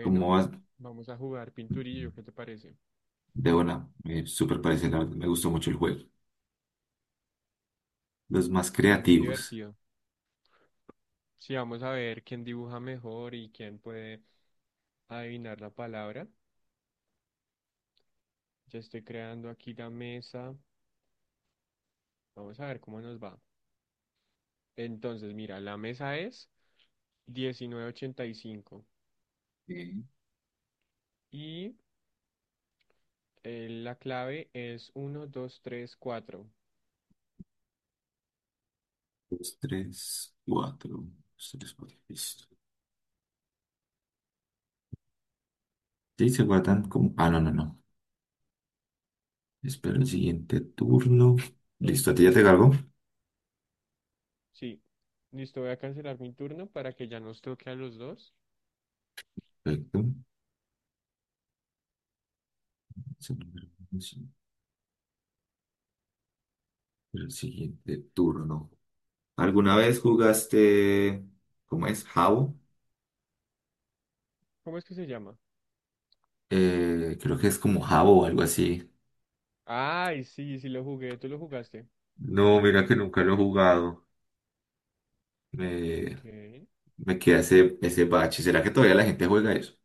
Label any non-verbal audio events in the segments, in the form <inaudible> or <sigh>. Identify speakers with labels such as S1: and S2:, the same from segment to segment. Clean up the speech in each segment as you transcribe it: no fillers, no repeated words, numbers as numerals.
S1: ¿Como vas?
S2: vamos a jugar pinturillo, ¿qué te parece?
S1: De una, súper parecido, la verdad, me gustó mucho el juego. Los más
S2: Sí, es muy
S1: creativos.
S2: divertido. Sí, vamos a ver quién dibuja mejor y quién puede adivinar la palabra. Ya estoy creando aquí la mesa. Vamos a ver cómo nos va. Entonces, mira, la mesa es 1985
S1: Eh,
S2: y la clave es 1234.
S1: Dos, tres, cuatro. Dos, tres, cuatro. Listo. Sí, se guardan como. Ah, no, no, no. Espero el siguiente turno.
S2: Oh,
S1: Listo, a ti ya te cargo.
S2: sí, listo, voy a cancelar mi turno para que ya nos toque a los dos.
S1: Perfecto. Es el número uno, sí. Espero el siguiente turno. ¿Alguna vez jugaste? ¿Cómo es? ¿Jabo?
S2: ¿Cómo es que se llama?
S1: Creo que es como Jabo o algo así.
S2: Ay, sí, sí lo jugué, tú lo jugaste.
S1: No, mira que nunca lo he jugado. Eh,
S2: Ok.
S1: Me queda ese bache. ¿Será que todavía la gente juega eso?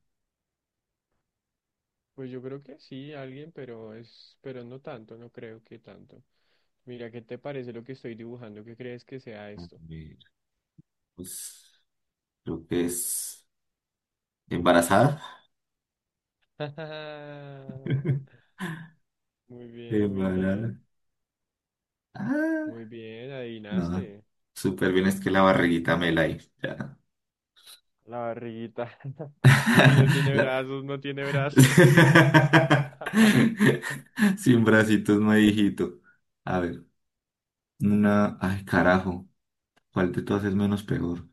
S2: Pues yo creo que sí, alguien, pero es, pero no tanto, no creo que tanto. Mira, ¿qué te parece lo que estoy dibujando? ¿Qué crees que sea
S1: A
S2: esto?
S1: ver, pues creo que es embarazada.
S2: <laughs> Muy bien, muy
S1: Embarazada.
S2: bien, muy
S1: Ah,
S2: bien,
S1: no.
S2: adivinaste.
S1: Súper bien, es que la barriguita me la hizo. Ya.
S2: La barriguita. <laughs> Y no
S1: <laughs>
S2: tiene
S1: La-
S2: brazos, no tiene brazos. <laughs>
S1: <laughs> Sin bracitos no hay hijito. A ver, una. Ay, carajo. ¿Cuál de todas es menos peor?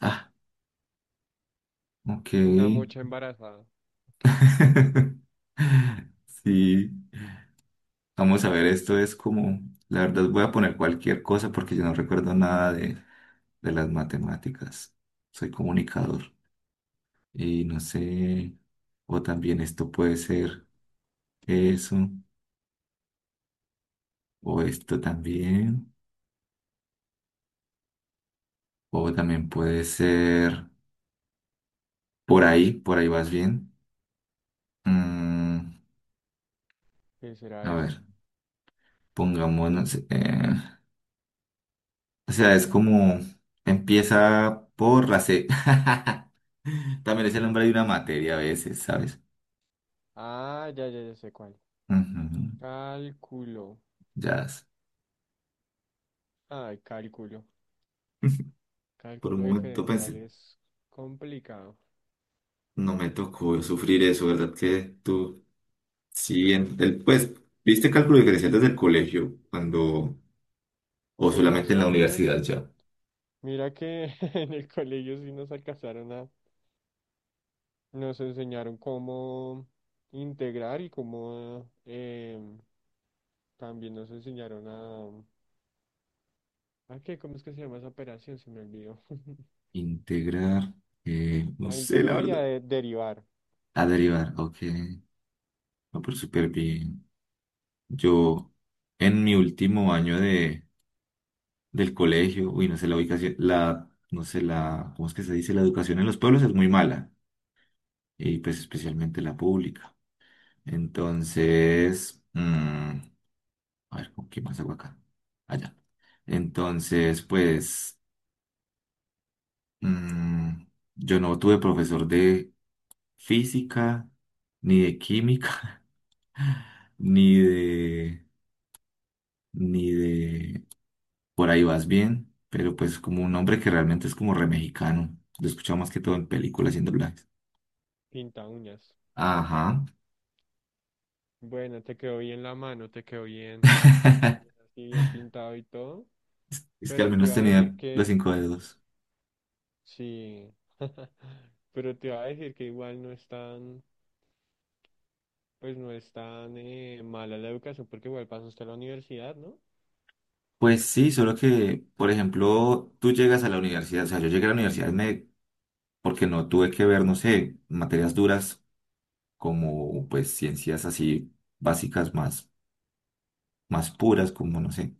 S1: Ah,
S2: Una
S1: ok.
S2: mocha embarazada.
S1: <laughs> Sí. Vamos a ver, esto es como, la verdad voy a poner cualquier cosa porque yo no recuerdo nada de las matemáticas. Soy comunicador y no sé, o también esto puede
S2: Ok,
S1: ser eso, o esto también, o también puede ser por ahí vas bien. Mm,
S2: ¿qué será
S1: a
S2: eso?
S1: ver, pongámonos, o sea, es como empieza por la C. <laughs> También es el nombre de una materia a veces, ¿sabes?
S2: Ah, ya, ya, ya sé cuál.
S1: Ujú.
S2: Cálculo.
S1: Ya,
S2: Ay, cálculo.
S1: <laughs> por un
S2: Cálculo
S1: momento
S2: diferencial
S1: pensé,
S2: es complicado.
S1: no me tocó sufrir eso, ¿verdad? Que tú, sí, en el, pues, ¿viste cálculo diferencial desde el colegio cuando, o
S2: Pues
S1: solamente
S2: más
S1: en
S2: o
S1: la universidad
S2: menos,
S1: ya?
S2: mira que <laughs> en el colegio sí nos alcanzaron a, nos enseñaron cómo integrar y cómo también nos enseñaron ¿a qué? ¿Cómo es que se llama esa operación? Se me olvidó. <laughs>
S1: Integrar, no
S2: A
S1: sé, la
S2: integrar y a
S1: verdad.
S2: derivar.
S1: A derivar, ok. No, pero súper bien. Yo, en mi último año de, del colegio, uy, no sé, la ubicación, la, no sé, la, ¿cómo es que se dice? La educación en los pueblos es muy mala, y pues especialmente la pública. Entonces, a ver, ¿con qué más hago acá? Allá. Entonces, pues, mm, yo no tuve profesor de física, ni de química, <laughs> ni de, ni de, por ahí vas bien, pero pues como un hombre que realmente es como re mexicano. Lo escuchaba más que todo en películas y en doblajes.
S2: Pinta uñas.
S1: Ajá.
S2: Bueno, te quedó bien la mano, te quedó bien,
S1: <laughs>
S2: así bien pintado y todo,
S1: Es que al
S2: pero te
S1: menos
S2: iba a decir
S1: tenía los
S2: que
S1: cinco dedos.
S2: sí, <laughs> pero te iba a decir que igual no es tan... Pues no es tan mala la educación porque igual pasa usted a la universidad, ¿no?
S1: Pues sí, solo que, por ejemplo, tú llegas a la universidad, o sea, yo llegué a la universidad porque no tuve que ver, no sé, materias duras como pues ciencias así básicas más puras, como, no sé,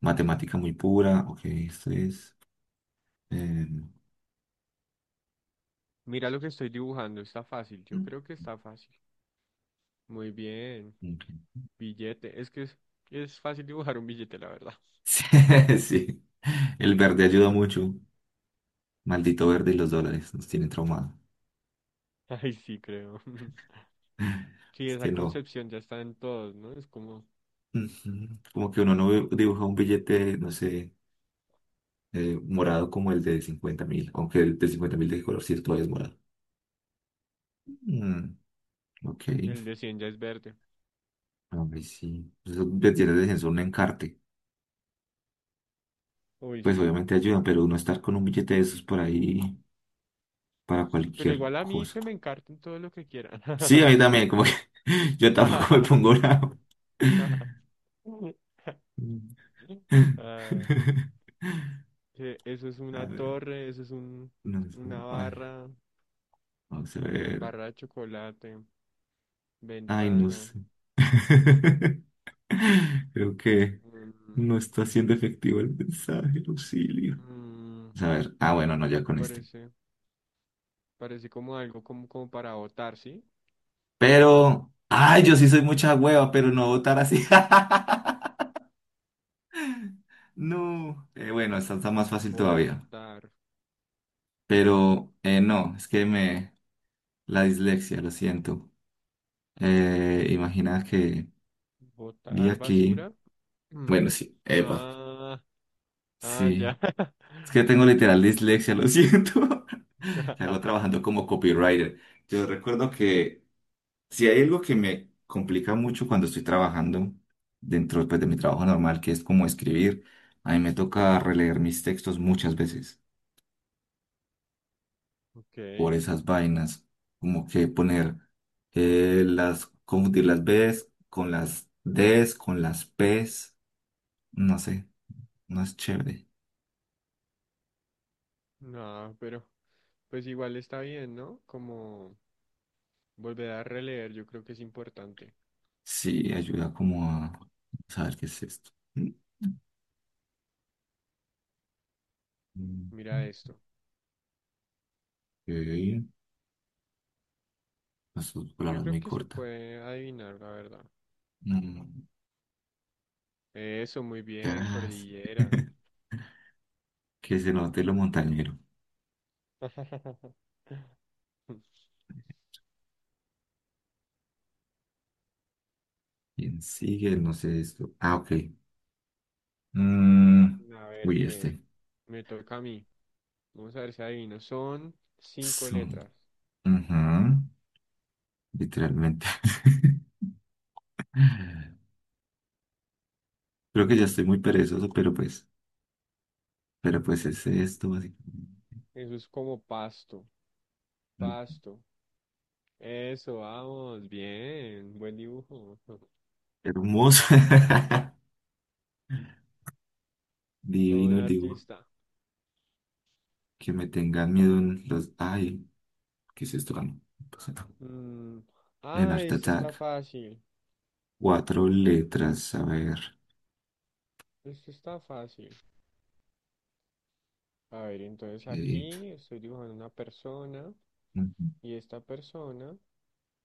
S1: matemática muy pura, ok, esto es... eh,
S2: Mira lo que estoy dibujando, está fácil, yo creo que está fácil. Muy bien,
S1: ok. <laughs>
S2: billete, es que es fácil dibujar un billete, la verdad.
S1: Sí, sí, el verde ayuda mucho, maldito verde y los dólares nos tienen traumado.
S2: <laughs> Ay, sí, creo. <laughs>
S1: <laughs>
S2: Sí,
S1: Es
S2: esa
S1: que no,
S2: concepción ya está en todos, ¿no? Es como
S1: ujú, como que uno no dibuja un billete, no sé. Morado como el de 50.000, aunque el de 50.000 de qué color sí todavía es morado. Mm, ok,
S2: el de 100 ya es verde.
S1: a ver si. Eso le tiene de censo un encarte.
S2: Uy,
S1: Pues
S2: sí.
S1: obviamente ayudan, pero uno estar con un billete de esos por ahí para
S2: Pero
S1: cualquier
S2: igual a mí
S1: cosa.
S2: que me encarten todo lo que quieran.
S1: Sí, a mí también, como que <laughs> yo tampoco me pongo bravo.
S2: <laughs>
S1: <laughs>
S2: Ah, que eso es
S1: A
S2: una
S1: ver,
S2: torre, eso es un,
S1: no, es
S2: una
S1: ay,
S2: barra,
S1: vamos a ver.
S2: barra de chocolate,
S1: Ay, no
S2: ventana.
S1: sé. <laughs> Creo que
S2: un-
S1: no está siendo efectivo el mensaje, Lucilio.
S2: mm,
S1: A ver, ah, bueno, no, ya con este.
S2: Parece, parece como algo como, como para botar, ¿sí?
S1: Pero, ay, yo sí soy mucha hueva, pero no votar así. <laughs> No. Bueno, esta está más fácil todavía.
S2: Botar,
S1: Pero, no, es que me... La dislexia, lo siento. Imagina que vi
S2: botar
S1: aquí...
S2: basura. <clears throat> Mm.
S1: Bueno, sí, Eva.
S2: Ah, ah, ya.
S1: Sí. Es que tengo literal dislexia, lo siento. <laughs> Que hago
S2: <laughs>
S1: trabajando como copywriter. Yo recuerdo que si hay algo que me complica mucho cuando estoy trabajando dentro pues, de mi trabajo normal, que es como escribir, a mí me toca releer mis textos muchas veces
S2: Ok,
S1: por esas vainas, como que poner confundir las Bs con las Ds, con las Ps, no sé, no es chévere.
S2: no, pero pues igual está bien, ¿no? Como volver a releer, yo creo que es importante.
S1: Sí, ayuda como a saber qué es esto. Mm,
S2: Mira esto.
S1: Ok, las
S2: Yo
S1: palabras
S2: creo
S1: muy
S2: que se
S1: cortas.
S2: puede adivinar, la verdad.
S1: Mm,
S2: Eso, muy bien,
S1: ya,
S2: cordillera.
S1: <laughs> que se note lo montañero.
S2: <laughs>
S1: ¿Quién sigue? No sé esto. Ah, ok. Mm,
S2: A ver,
S1: Uy,
S2: ¿qué?
S1: este.
S2: Me toca a mí. Vamos a ver si adivino. Son cinco
S1: Son-
S2: letras.
S1: Ujú. Literalmente. <laughs> Creo que ya estoy muy perezoso, pero pues, es esto, básicamente.
S2: Eso es como pasto.
S1: Mm,
S2: Pasto. Eso, vamos. Bien. Buen dibujo. <laughs>
S1: Hermoso. <laughs>
S2: Todo un
S1: Divino el dibujo.
S2: artista.
S1: Que me tengan miedo en los. Ay, ¿qué es esto? Ah, no, no pasa nada.
S2: Mm,
S1: En
S2: ah,
S1: Art
S2: este está
S1: Attack.
S2: fácil.
S1: Cuatro letras. A ver.
S2: Este está fácil. A ver, entonces
S1: Ok.
S2: aquí estoy dibujando una persona.
S1: Ujú.
S2: Y esta persona.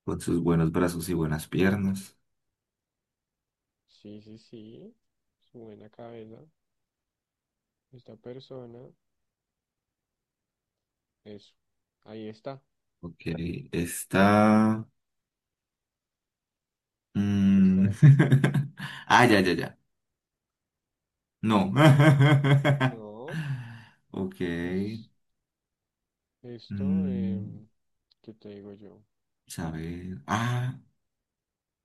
S1: Con sus buenos brazos y buenas piernas.
S2: Sí, sí, sí. Su buena cabeza. Esta persona, es ahí está.
S1: Ok. Está.
S2: ¿Qué estará
S1: Mm.
S2: haciendo?
S1: <laughs> Ah, ya, ya, ya. No. <laughs>
S2: No.
S1: Ok.
S2: Es esto,
S1: Mm,
S2: ¿qué te digo yo?
S1: Saber. Ah,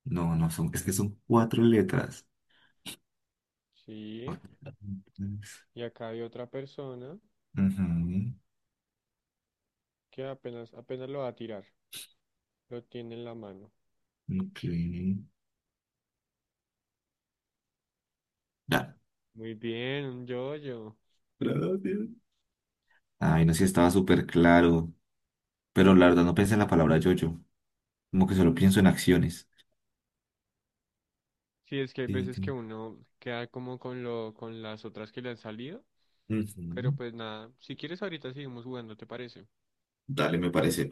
S1: no, no son. Es que son cuatro letras.
S2: Sí,
S1: Cuatro letras.
S2: y acá hay otra persona
S1: Ujú.
S2: que apenas, apenas lo va a tirar. Lo tiene en la mano.
S1: Ok. Ya.
S2: Muy bien, un yo-yo.
S1: Gracias. Ay, no sé si estaba súper claro. Pero la verdad no pensé en la palabra yo-yo. Como que solo pienso en acciones.
S2: Sí, es que hay
S1: Sí,
S2: veces que
S1: sí.
S2: uno queda como con lo, con las otras que le han salido, pero
S1: Ujú.
S2: pues nada, si quieres ahorita seguimos jugando, ¿te parece?
S1: Dale, me parece.